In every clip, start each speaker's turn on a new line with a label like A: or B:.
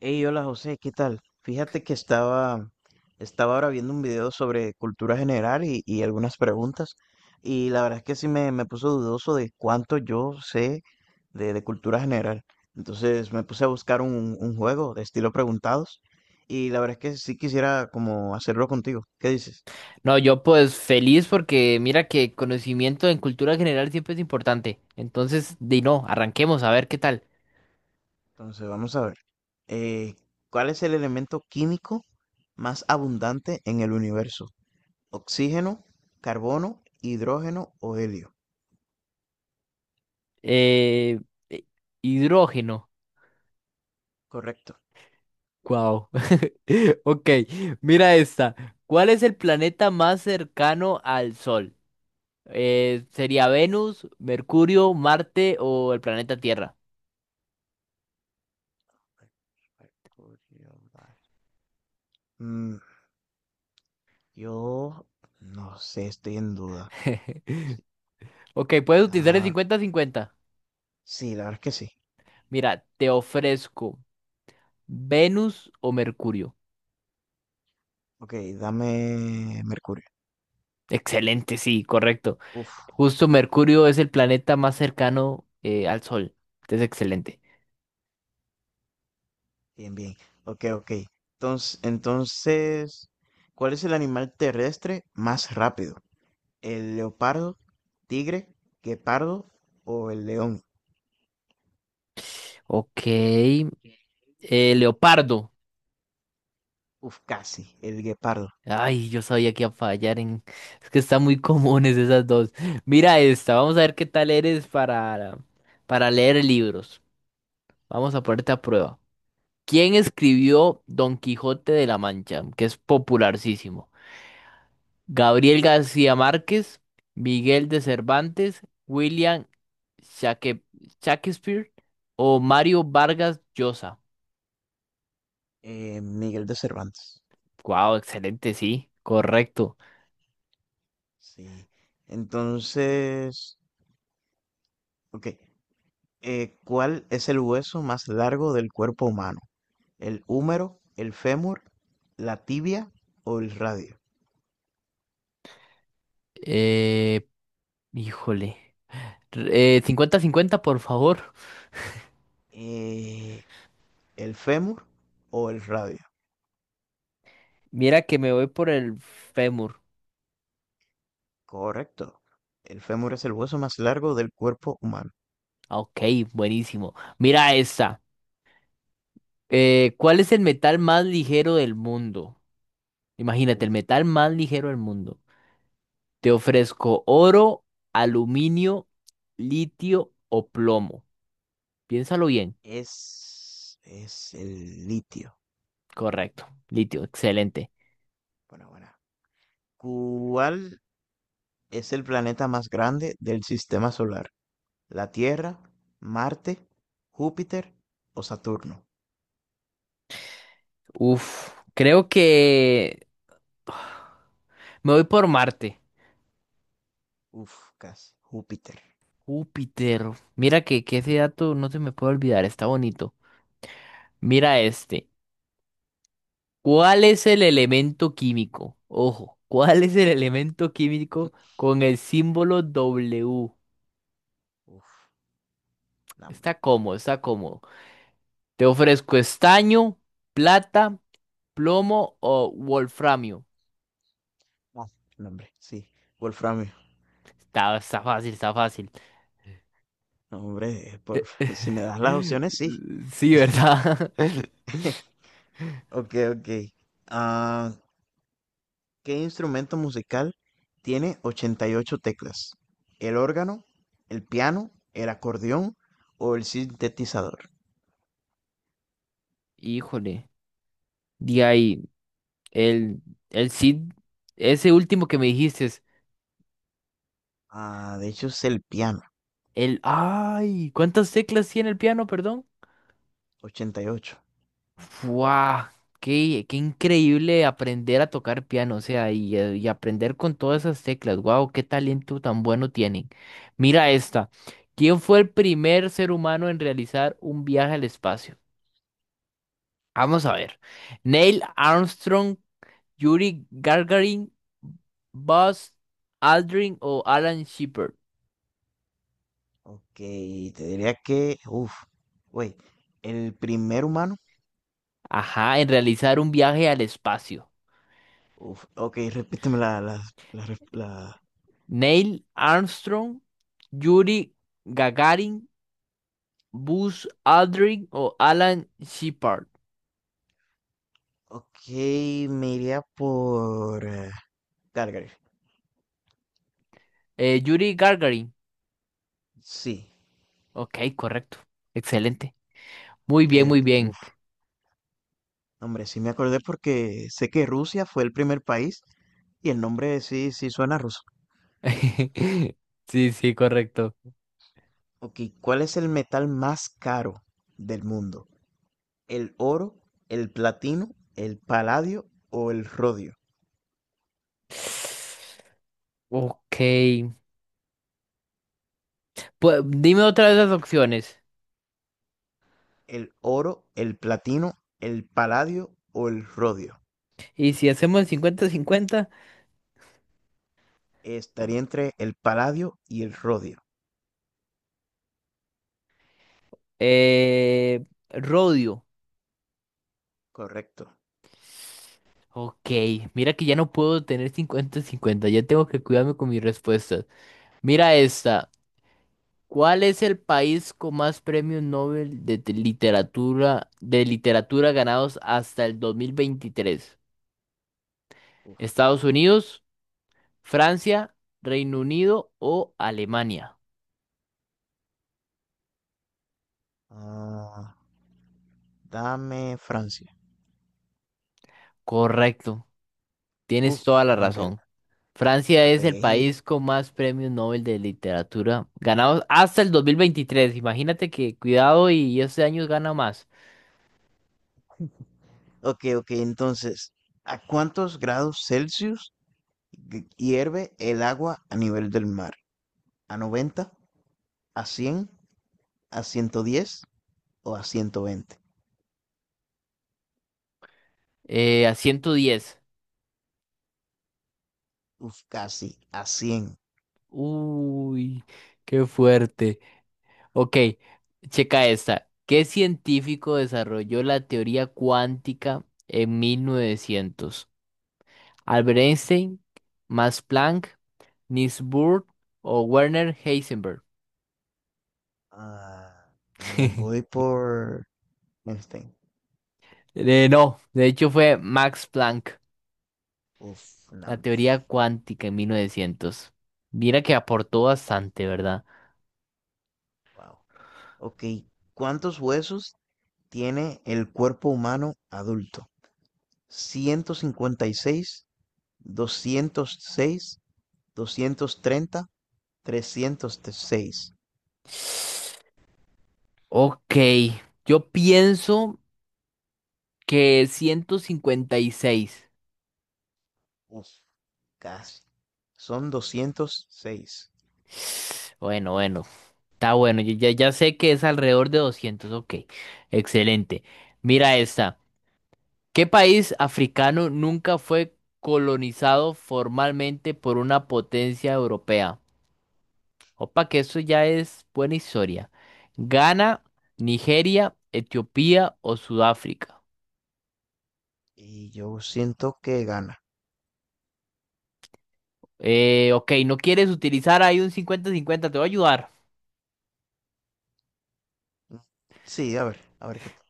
A: Hey, hola José, ¿qué tal? Fíjate que estaba ahora viendo un video sobre cultura general y algunas preguntas, y la verdad es que sí me puso dudoso de cuánto yo sé de cultura general. Entonces me puse a buscar un juego de estilo preguntados, y la verdad es que sí quisiera como hacerlo contigo. ¿Qué dices?
B: No, yo pues feliz porque mira que conocimiento en cultura general siempre es importante. Entonces, di no, arranquemos a ver qué tal.
A: Entonces vamos a ver. Eh, ¿cuál es el elemento químico más abundante en el universo? ¿Oxígeno, carbono, hidrógeno o helio?
B: Eh, eh, Hidrógeno.
A: Correcto.
B: Wow. Ok, mira esta. ¿Cuál es el planeta más cercano al Sol? ¿Sería Venus, Mercurio, Marte o el planeta Tierra?
A: Mm, yo no sé, estoy en duda. Sí,
B: Ok, puedes utilizar el
A: ah,
B: 50-50.
A: sí, la verdad es que sí.
B: Mira, te ofrezco Venus o Mercurio.
A: Ok, dame Mercurio.
B: Excelente, sí, correcto.
A: Uf,
B: Justo Mercurio es el planeta más cercano al Sol. Es excelente.
A: bien, bien. Ok, ok. Entonces, ¿cuál es el animal terrestre más rápido? ¿El leopardo, tigre, guepardo o el león?
B: Ok. Leopardo.
A: Uf, casi, el guepardo.
B: Ay, yo sabía que iba a fallar en... Es que están muy comunes esas dos. Mira esta. Vamos a ver qué tal eres para leer libros. Vamos a ponerte a prueba. ¿Quién escribió Don Quijote de la Mancha? Que es popularísimo. Gabriel García Márquez, Miguel de Cervantes, William Shaque- Shakespeare o Mario Vargas Llosa.
A: Miguel de Cervantes.
B: Wow, excelente, sí, correcto.
A: Sí. Entonces, ok. ¿Cuál es el hueso más largo del cuerpo humano? ¿El húmero, el fémur, la tibia o el radio?
B: Eh, híjole. 50-50, por favor.
A: Eh, ¿el fémur o el radio?
B: Mira que me voy por el fémur.
A: Correcto. El fémur es el hueso más largo del cuerpo humano.
B: Ah, ok, buenísimo. Mira esta. ¿Cuál es el metal más ligero del mundo? Imagínate,
A: Uf.
B: el metal más ligero del mundo. Te ofrezco oro, aluminio, litio o plomo. Piénsalo bien.
A: Es el litio.
B: Correcto. Litio, excelente.
A: Bueno, bueno. ¿Cuál es el planeta más grande del sistema solar? ¿La Tierra, Marte, Júpiter o Saturno?
B: Uf, creo que me voy por Marte.
A: Uf, casi. Júpiter.
B: Júpiter. Mira que ese dato no se me puede olvidar, está bonito. Mira este. ¿Cuál es el elemento químico? Ojo, ¿cuál es el elemento químico con el símbolo W?
A: Uf, no, hombre.
B: Está cómodo, está cómodo. Te ofrezco estaño, plata. ¿Plomo o wolframio?
A: No, no, hombre, sí. Wolframio.
B: Está fácil, está fácil.
A: No, hombre, si me das las opciones, sí.
B: Sí, ¿verdad?
A: Ok, ok. Ah, ¿qué instrumento musical tiene 88 teclas? ¿El órgano, el piano, el acordeón o el sintetizador?
B: Híjole. De ahí, el, el Cid, ese último que me dijiste es
A: Ah, de hecho es el piano,
B: el... ¡Ay! ¿Cuántas teclas tiene el piano, perdón?
A: 88.
B: ¡Wow! Qué increíble aprender a tocar piano, o sea, y aprender con todas esas teclas. ¡Wow! ¡Qué talento tan bueno tienen! Mira esta. ¿Quién fue el primer ser humano en realizar un viaje al espacio? Vamos a ver. Neil Armstrong, Yuri Gagarin, Buzz Aldrin o Alan Shepard.
A: Ok, te diría que, uff, güey, el primer humano.
B: Ajá, en realizar un viaje al espacio.
A: Uf, ok, repíteme la, las ref- las
B: Neil Armstrong, Yuri Gagarin, Buzz Aldrin o Alan Shepard.
A: Ok, me iría por Calgary.
B: Yuri Gagarin.
A: Sí,
B: Ok, correcto. Excelente. Muy
A: ok,
B: bien, muy bien.
A: uf, hombre, sí me acordé porque sé que Rusia fue el primer país y el nombre sí, sí suena ruso.
B: Sí, sí, correcto.
A: Ok, ¿cuál es el metal más caro del mundo? ¿El oro, el platino, el paladio o el rodio?
B: Ok. Pues, dime otra de esas opciones.
A: ¿El oro, el platino, el paladio o el rodio?
B: Y si hacemos el 50-50,
A: Estaría entre el paladio y el rodio.
B: eh, Rodio.
A: Correcto.
B: Ok, mira que ya no puedo tener 50-50, ya tengo que cuidarme con mis respuestas. Mira esta. ¿Cuál es el país con más premios Nobel de literatura ganados hasta el 2023?
A: Uf.
B: ¿Estados Unidos, Francia, Reino Unido o Alemania?
A: Ah. Dame Francia.
B: Correcto, tienes
A: Uf,
B: toda la
A: no, hombre,
B: razón. Francia
A: la
B: es el
A: pegué.
B: país con más premios Nobel de literatura ganados hasta el 2023. Imagínate que cuidado y este año gana más.
A: Ok, ok, entonces, ¿a cuántos grados Celsius hierve el agua a nivel del mar? ¿A 90? ¿A 100? ¿A 110? ¿O a 120?
B: A 110.
A: Uf, casi, a 100.
B: Uy, qué fuerte. Ok, checa esta. ¿Qué científico desarrolló la teoría cuántica en 1900? ¿Albert Einstein, Max Planck, Niels Bohr o Werner Heisenberg?
A: Ah, me voy por Einstein.
B: No, de hecho fue Max Planck.
A: Uf, no,
B: La
A: hombre.
B: teoría cuántica en 1900. Mira que aportó bastante, ¿verdad?
A: Wow. Ok, ¿cuántos huesos tiene el cuerpo humano adulto? ¿156? 206, 230, 306.
B: Ok, yo pienso que 156.
A: Uf, casi. Son 206.
B: Bueno, bueno, está bueno. Yo ya sé que es alrededor de 200. Ok, excelente. Mira esta. ¿Qué país africano nunca fue colonizado formalmente por una potencia europea? Opa, que eso ya es buena historia. Ghana, Nigeria, Etiopía o Sudáfrica.
A: Y yo siento que gana.
B: Ok, no quieres utilizar ahí un 50-50. Te voy a ayudar.
A: Sí, a ver qué tal.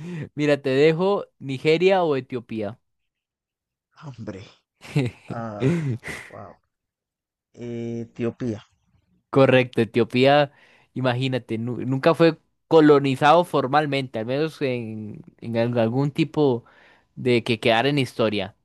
B: Mira, te dejo Nigeria o Etiopía.
A: Hombre. Ah, wow. Etiopía.
B: Correcto, Etiopía, imagínate, nunca fue colonizado formalmente, al menos algún tipo de que quedara en historia.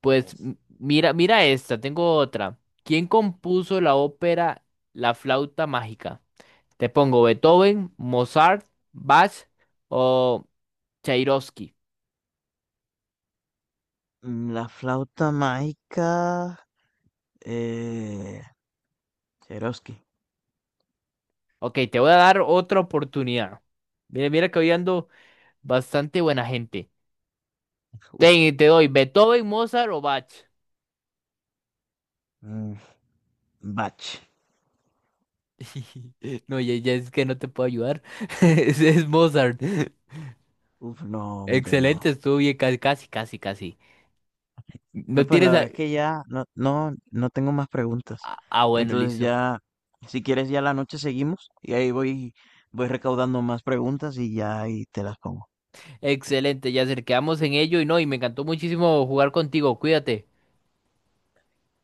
B: Pues
A: Uf.
B: mira esta, tengo otra. ¿Quién compuso la ópera La flauta mágica? Te pongo Beethoven, Mozart, Bach o Tchaikovsky.
A: La flauta mágica. Eh, Cherovsky.
B: Ok, te voy a dar otra oportunidad. Mira, mira que hoy ando bastante buena gente.
A: Uf.
B: Te doy Beethoven, Mozart o Bach.
A: Mm, Bach.
B: No, ya es que no te puedo ayudar. Es Mozart.
A: Uf, no, hombre, no.
B: Excelente, estuvo bien, casi, casi, casi. No
A: No, pues la
B: tienes... a-
A: verdad es que ya no, no, no tengo más preguntas.
B: Ah, ah, bueno,
A: Entonces
B: listo.
A: ya, si quieres ya la noche seguimos y ahí voy recaudando más preguntas y ya ahí te las pongo.
B: Excelente, Yasser, quedamos en ello y no, y me encantó muchísimo jugar contigo, cuídate.